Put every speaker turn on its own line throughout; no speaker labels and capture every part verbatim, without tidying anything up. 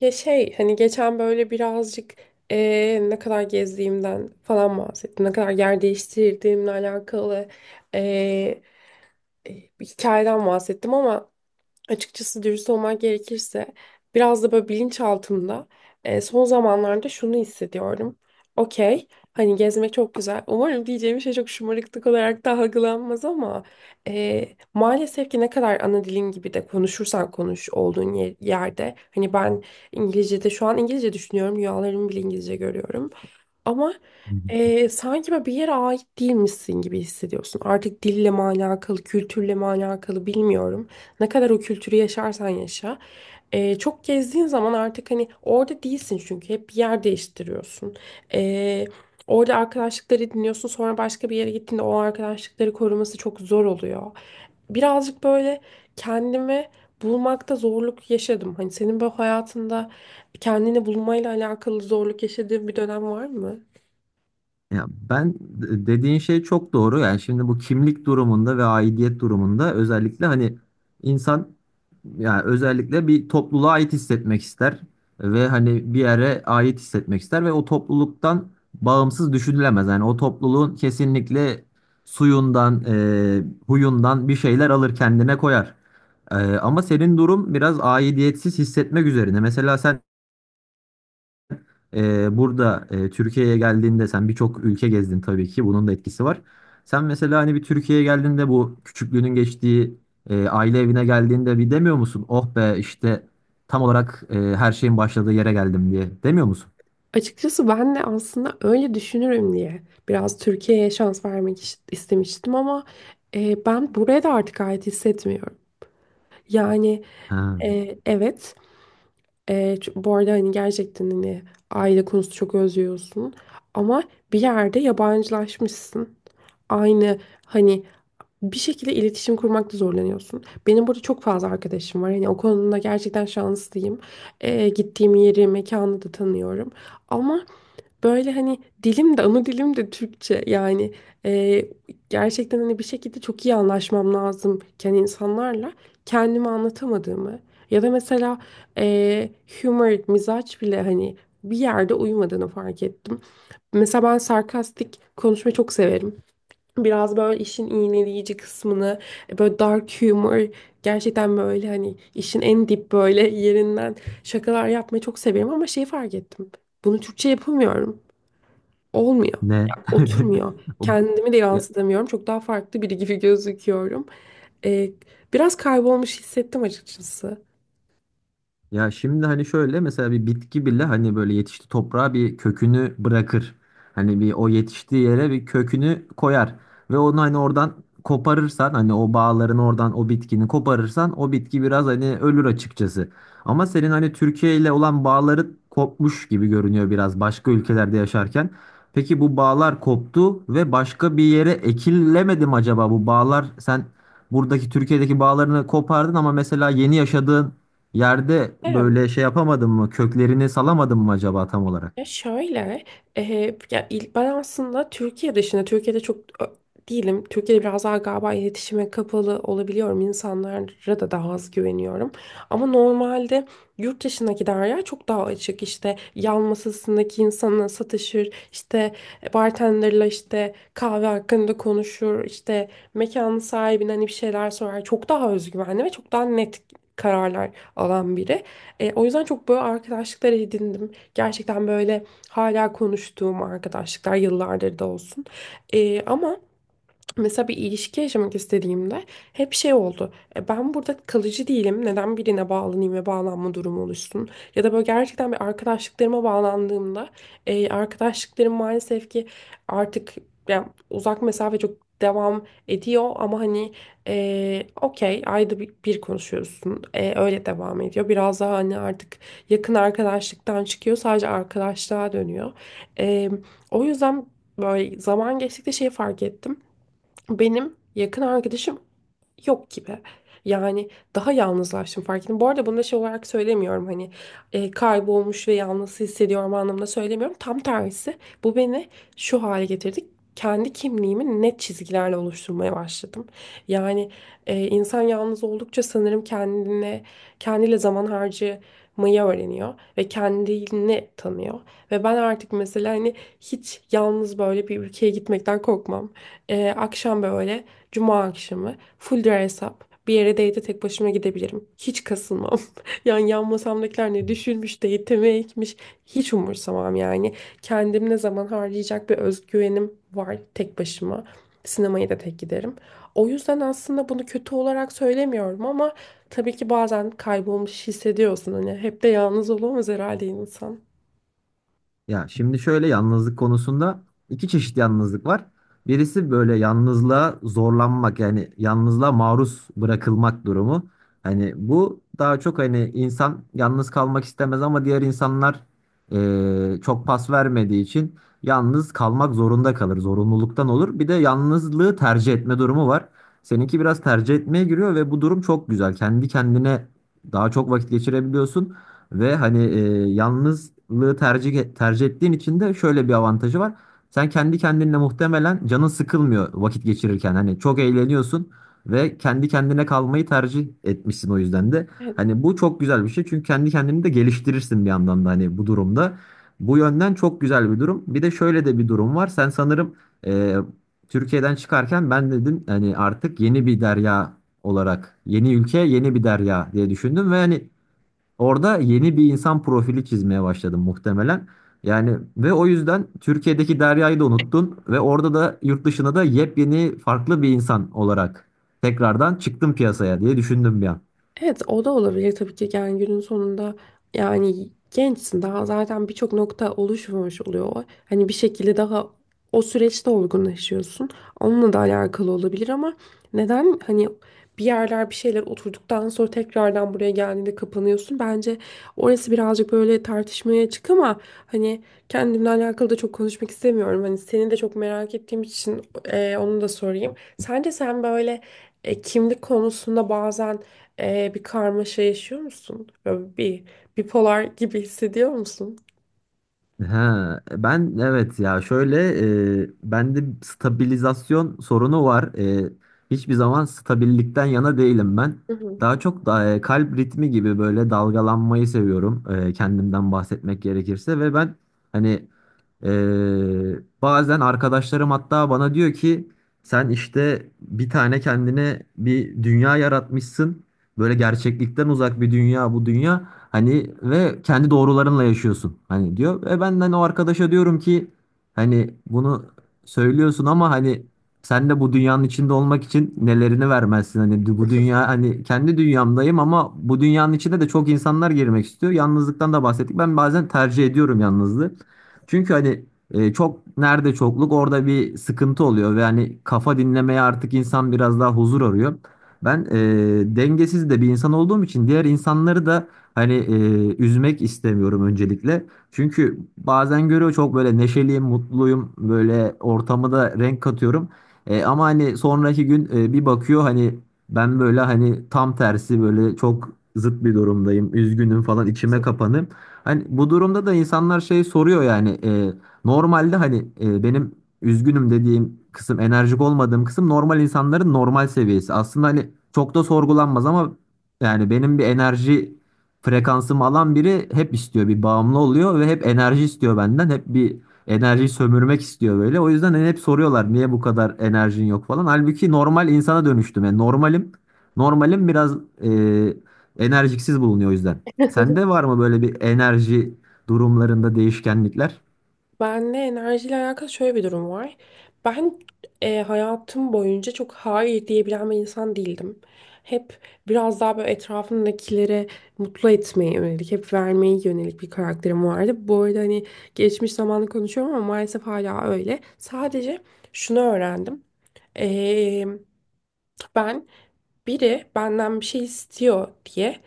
Ya şey hani geçen böyle birazcık eee, ne kadar gezdiğimden falan bahsettim. Ne kadar yer değiştirdiğimle alakalı eee, bir hikayeden bahsettim ama açıkçası dürüst olmak gerekirse biraz da böyle bilinçaltımda e, son zamanlarda şunu hissediyorum. Okey, hani gezmek çok güzel. Umarım diyeceğim şey çok şımarıklık olarak da algılanmaz ama e, maalesef ki ne kadar ana dilin gibi de konuşursan konuş olduğun ye- yerde. Hani ben İngilizce'de şu an İngilizce düşünüyorum. Rüyalarımı bile İngilizce görüyorum. Ama
Hı hı.
eee, sanki böyle bir yere ait değilmişsin gibi hissediyorsun. Artık dille mi alakalı, kültürle mi alakalı bilmiyorum. Ne kadar o kültürü yaşarsan yaşa. Eee, çok gezdiğin zaman artık hani orada değilsin çünkü hep bir yer değiştiriyorsun. Eee, Orada arkadaşlıkları dinliyorsun, sonra başka bir yere gittiğinde o arkadaşlıkları koruması çok zor oluyor. Birazcık böyle kendimi bulmakta zorluk yaşadım. Hani senin bu hayatında kendini bulmayla alakalı zorluk yaşadığın bir dönem var mı?
Ya ben de- dediğin şey çok doğru. Yani şimdi bu kimlik durumunda ve aidiyet durumunda özellikle hani insan, yani özellikle bir topluluğa ait hissetmek ister ve hani bir yere ait hissetmek ister ve o topluluktan bağımsız düşünülemez. Yani o topluluğun kesinlikle suyundan, e, huyundan bir şeyler alır, kendine koyar. E, ama senin durum biraz aidiyetsiz hissetmek üzerine. Mesela sen Ee, burada e, Türkiye'ye geldiğinde sen birçok ülke gezdin tabii ki. Bunun da etkisi var. Sen mesela hani bir Türkiye'ye geldiğinde, bu küçüklüğünün geçtiği e, aile evine geldiğinde bir demiyor musun? Oh be, işte tam olarak e, her şeyin başladığı yere geldim diye. Demiyor musun?
Açıkçası ben de aslında öyle düşünürüm diye biraz Türkiye'ye şans vermek iş- istemiştim ama e, ben buraya da artık ait hissetmiyorum. Yani
Ha,
e, evet, e, ç- bu arada hani gerçekten hani aile konusu çok özlüyorsun ama bir yerde yabancılaşmışsın. Aynı hani bir şekilde iletişim kurmakta zorlanıyorsun. Benim burada çok fazla arkadaşım var. Hani o konuda gerçekten şanslıyım. E, gittiğim yeri, mekanı da tanıyorum. Ama böyle hani dilim de, ana dilim de Türkçe, yani e, gerçekten hani bir şekilde çok iyi anlaşmam lazımken insanlarla kendimi anlatamadığımı ya da mesela e, humor, mizaç bile hani bir yerde uyumadığını fark ettim. Mesela ben sarkastik konuşmayı çok severim. Biraz böyle işin iğneleyici kısmını, e, böyle dark humor, gerçekten böyle hani işin en dip böyle yerinden şakalar yapmayı çok severim ama şeyi fark ettim. Bunu Türkçe yapamıyorum. Olmuyor.
ne?
Ya, oturmuyor.
O-
Kendimi de
ya,
yansıtamıyorum. Çok daha farklı biri gibi gözüküyorum. Ee, biraz kaybolmuş hissettim açıkçası.
Ya şimdi hani şöyle, mesela bir bitki bile hani böyle yetişti toprağa, bir kökünü bırakır. Hani bir o yetiştiği yere bir kökünü koyar ve onu hani oradan koparırsan, hani o bağların oradan, o bitkini koparırsan o bitki biraz hani ölür açıkçası. Ama senin hani Türkiye ile olan bağları kopmuş gibi görünüyor biraz başka ülkelerde yaşarken. Peki bu bağlar koptu ve başka bir yere ekilemedi mi acaba? Bu bağlar, sen buradaki Türkiye'deki bağlarını kopardın ama mesela yeni yaşadığın yerde böyle şey yapamadın mı? Köklerini salamadın mı acaba tam olarak?
Ya şöyle, e, ya il- ben aslında Türkiye dışında, Türkiye'de çok ö, değilim. Türkiye'de biraz daha galiba iletişime kapalı olabiliyorum. İnsanlara da daha az güveniyorum. Ama normalde yurt dışındaki Derya çok daha açık. İşte yan masasındaki insanla satışır, işte bartenderla işte kahve hakkında konuşur, işte mekanın sahibine hani bir şeyler sorar. Çok daha özgüvenli ve çok daha net kararlar alan biri. E, o yüzden çok böyle arkadaşlıklar edindim. Gerçekten böyle hala konuştuğum arkadaşlıklar, yıllardır da olsun. Ee, ama mesela bir ilişki yaşamak istediğimde hep şey oldu. E, Ben burada kalıcı değilim. Neden birine bağlanayım ve bağlanma durumu oluşsun? Ya da böyle gerçekten bir arkadaşlıklarıma bağlandığımda e, arkadaşlıklarım maalesef ki artık, yani uzak mesafe çok devam ediyor ama hani e, okey, ayda bir, bir konuşuyorsun. E, öyle devam ediyor. Biraz daha hani artık yakın arkadaşlıktan çıkıyor. Sadece arkadaşlığa dönüyor. E, O yüzden böyle zaman geçtikçe şey fark ettim. Benim yakın arkadaşım yok gibi. Yani daha yalnızlaştım, fark ettim. Bu arada bunu da şey olarak söylemiyorum, hani e, kaybolmuş ve yalnız hissediyorum anlamında söylemiyorum. Tam tersi, bu beni şu hale getirdi. Kendi kimliğimi net çizgilerle oluşturmaya başladım. Yani e, insan yalnız oldukça sanırım kendine, kendiyle zaman harcamayı öğreniyor ve kendini tanıyor. Ve ben artık mesela hani hiç yalnız böyle bir ülkeye gitmekten korkmam. Ee, akşam böyle cuma akşamı full dress up bir yere date'e tek başıma gidebilirim. Hiç kasılmam. Yani yan masamdakiler ne düşünmüş, date'e mi ekmiş, hiç umursamam yani. Kendim ne zaman harcayacak bir özgüvenim var tek başıma. Sinemaya da tek giderim. O yüzden aslında bunu kötü olarak söylemiyorum ama tabii ki bazen kaybolmuş hissediyorsun. Hani hep de yalnız olamaz herhalde insan.
Ya şimdi şöyle, yalnızlık konusunda iki çeşit yalnızlık var. Birisi böyle yalnızlığa zorlanmak, yani yalnızlığa maruz bırakılmak durumu. Hani bu daha çok hani insan yalnız kalmak istemez ama diğer insanlar eee, çok pas vermediği için yalnız kalmak zorunda kalır. Zorunluluktan olur. Bir de yalnızlığı tercih etme durumu var. Seninki biraz tercih etmeye giriyor ve bu durum çok güzel. Kendi kendine daha çok vakit geçirebiliyorsun. Ve hani e, yalnızlığı tercih tercih ettiğin için de şöyle bir avantajı var. Sen kendi kendinle muhtemelen canın sıkılmıyor vakit geçirirken. Hani çok eğleniyorsun ve kendi kendine kalmayı tercih etmişsin o yüzden de.
Evet.
Hani bu çok güzel bir şey, çünkü kendi kendini de geliştirirsin bir yandan da hani bu durumda. Bu yönden çok güzel bir durum. Bir de şöyle de bir durum var. Sen sanırım e, Türkiye'den çıkarken ben dedim hani artık yeni bir derya olarak, yeni ülke, yeni bir derya diye düşündüm ve hani orada yeni bir insan profili çizmeye başladım muhtemelen. Yani ve o yüzden Türkiye'deki Derya'yı da unuttun ve orada da, yurt dışına da yepyeni farklı bir insan olarak tekrardan çıktım piyasaya diye düşündüm bir an.
Evet, o da olabilir tabii ki, yani günün sonunda, yani gençsin daha, zaten birçok nokta oluşmamış oluyor. Hani bir şekilde daha o süreçte olgunlaşıyorsun. Onunla da alakalı olabilir ama neden hani bir yerler, bir şeyler oturduktan sonra tekrardan buraya geldiğinde kapanıyorsun, bence orası birazcık böyle tartışmaya açık ama hani kendimle alakalı da çok konuşmak istemiyorum. Hani seni de çok merak ettiğim için e, onu da sorayım. Sence sen böyle e, kimlik konusunda bazen ee, bir karmaşa yaşıyor musun? Böyle bir bipolar gibi hissediyor musun?
Ha, ben evet, ya şöyle, e, bende stabilizasyon sorunu var. E, Hiçbir zaman stabillikten yana değilim ben.
Hı hı.
Daha çok da e, kalp ritmi gibi böyle dalgalanmayı seviyorum. E, kendimden bahsetmek gerekirse, ve ben hani e, bazen arkadaşlarım hatta bana diyor ki, sen işte bir tane kendine bir dünya yaratmışsın. Böyle gerçeklikten uzak bir dünya bu dünya. Hani ve kendi doğrularınla yaşıyorsun. Hani diyor. Ve ben hani o arkadaşa diyorum ki, hani bunu söylüyorsun ama hani sen de bu dünyanın içinde olmak için nelerini vermezsin? Hani bu dünya, hani kendi dünyamdayım ama bu dünyanın içine de çok insanlar girmek istiyor. Yalnızlıktan da bahsettik. Ben bazen tercih ediyorum yalnızlığı. Çünkü hani e, çok, nerede çokluk orada bir sıkıntı oluyor ve hani kafa dinlemeye artık insan biraz daha huzur arıyor. Ben e, dengesiz de bir insan olduğum için diğer insanları da hani e, üzmek istemiyorum öncelikle. Çünkü bazen görüyor, çok böyle neşeliyim, mutluyum, böyle ortamı da renk katıyorum. E, ama hani sonraki gün e, bir bakıyor, hani ben böyle hani tam tersi böyle çok zıt bir durumdayım, üzgünüm falan, içime kapanım. Hani bu durumda da insanlar şey soruyor, yani e, normalde hani e, benim üzgünüm dediğim kısım, enerjik olmadığım kısım, normal insanların normal seviyesi. Aslında hani çok da sorgulanmaz ama yani benim bir enerji frekansımı alan biri hep istiyor, bir bağımlı oluyor ve hep enerji istiyor benden. Hep bir enerjiyi sömürmek istiyor böyle. O yüzden hani hep soruyorlar niye bu kadar enerjin yok falan. Halbuki normal insana dönüştüm. Yani normalim. Normalim biraz e, enerjiksiz bulunuyor o yüzden. Sende var mı böyle bir enerji durumlarında değişkenlikler?
Benle enerjiyle alakalı şöyle bir durum var. Ben e, hayatım boyunca çok hayır diyebilen bir insan değildim. Hep biraz daha böyle etrafımdakileri mutlu etmeye yönelik, hep vermeye yönelik bir karakterim vardı. Bu arada hani geçmiş zamanı konuşuyorum ama maalesef hala öyle. Sadece şunu öğrendim. Ben biri benden bir şey istiyor diye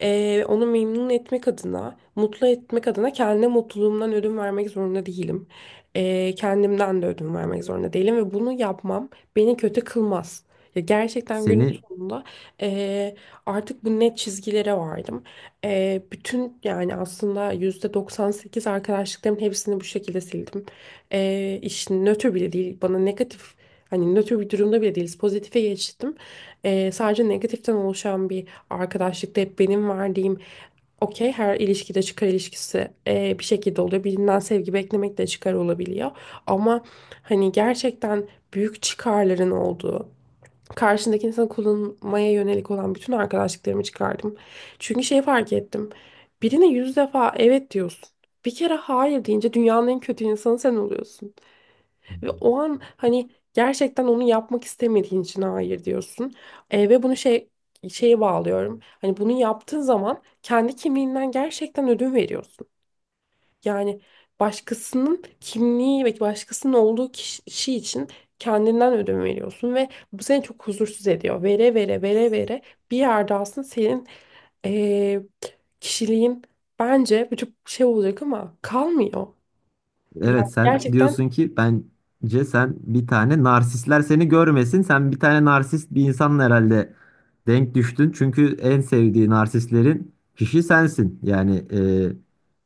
eee, onu memnun etmek adına, mutlu etmek adına kendine mutluluğumdan ödün vermek zorunda değilim. Eee, kendimden de ödün vermek zorunda değilim ve bunu yapmam beni kötü kılmaz. Ya gerçekten günün
Seni
sonunda eee, artık bu net çizgilere vardım. Eee, bütün, yani aslında yüzde doksan sekiz arkadaşlıkların hepsini bu şekilde sildim. Eee işin nötr bile değil, bana negatif. Hani nötr bir durumda bile değiliz. Pozitife geçtim. Ee, sadece negatiften oluşan bir arkadaşlıkta hep benim verdiğim, okey, her ilişkide çıkar ilişkisi ee, bir şekilde oluyor. Birinden sevgi beklemek de çıkar olabiliyor. Ama hani gerçekten büyük çıkarların olduğu, karşındaki insanı kullanmaya yönelik olan bütün arkadaşlıklarımı çıkardım. Çünkü şey fark ettim. Birine yüz defa evet diyorsun. Bir kere hayır deyince dünyanın en kötü insanı sen oluyorsun. Ve o an hani gerçekten onu yapmak istemediğin için hayır diyorsun. E, ve bunu şey şeye bağlıyorum. Hani bunu yaptığın zaman kendi kimliğinden gerçekten ödün veriyorsun. Yani başkasının kimliği ve başkasının olduğu kişi için kendinden ödün veriyorsun ve bu seni çok huzursuz ediyor. Vere vere vere vere bir yerde aslında senin e, kişiliğin, bence bu çok şey olacak ama, kalmıyor. Yani
Evet, sen
gerçekten
diyorsun ki, bence sen bir tane narsistler seni görmesin. Sen bir tane narsist bir insanla herhalde denk düştün. Çünkü en sevdiği narsistlerin kişi sensin. Yani e,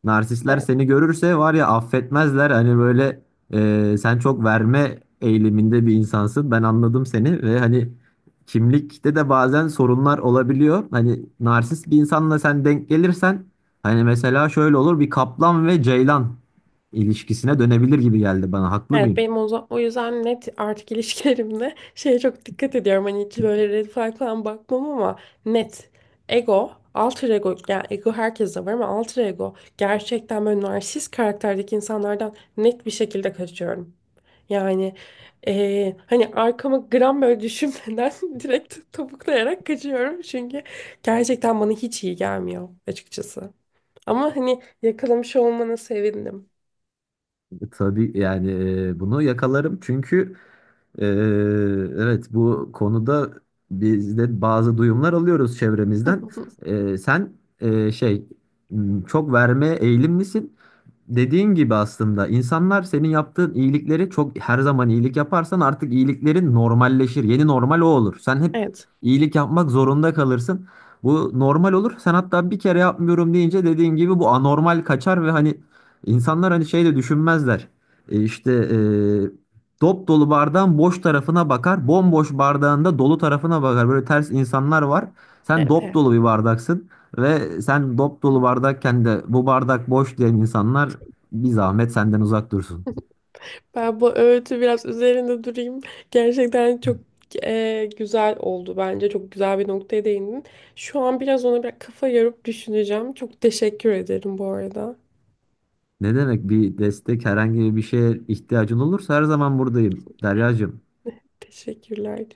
narsistler seni görürse var ya, affetmezler. Hani böyle e, sen çok verme eğiliminde bir insansın. Ben anladım seni ve hani kimlikte de bazen sorunlar olabiliyor. Hani narsist bir insanla sen denk gelirsen, hani mesela şöyle olur, bir kaplan ve ceylan ilişkisine dönebilir gibi geldi bana. Haklı
evet,
mıyım?
benim o, za- o yüzden net artık ilişkilerimde şeye çok dikkat ediyorum. Hani hiç böyle red flag falan bakmam ama net ego, alter ego, yani ego herkeste var ama alter ego gerçekten böyle narsist karakterdeki insanlardan net bir şekilde kaçıyorum. Yani eee, hani arkama gram böyle düşünmeden direkt topuklayarak kaçıyorum. Çünkü gerçekten bana hiç iyi gelmiyor açıkçası. Ama hani yakalamış olmana sevindim.
Tabii yani, e, bunu yakalarım çünkü e, evet bu konuda biz de bazı duyumlar alıyoruz çevremizden. E, sen e, şey m, çok vermeye eğilim misin? Dediğin gibi aslında insanlar senin yaptığın iyilikleri çok, her zaman iyilik yaparsan artık iyiliklerin normalleşir. Yeni normal o olur. Sen hep
Evet,
iyilik yapmak zorunda kalırsın. Bu normal olur. Sen hatta bir kere yapmıyorum deyince, dediğin gibi bu anormal kaçar ve hani insanlar hani şey de düşünmezler. E işte e, dop dolu bardağın boş tarafına bakar, bomboş bardağın da dolu tarafına bakar. Böyle ters insanlar var. Sen
evet,
dop dolu
evet.
bir bardaksın. Ve sen dop dolu bardakken de bu bardak boş diyen insanlar bir zahmet senden uzak dursun.
Ben bu öğütü biraz üzerinde durayım. Gerçekten çok e, güzel oldu bence. Çok güzel bir noktaya değindin. Şu an biraz ona bir kafa yorup düşüneceğim. Çok teşekkür ederim bu arada.
Ne demek, bir destek, herhangi bir şeye ihtiyacın olursa her zaman buradayım Deryacığım.
Teşekkürler.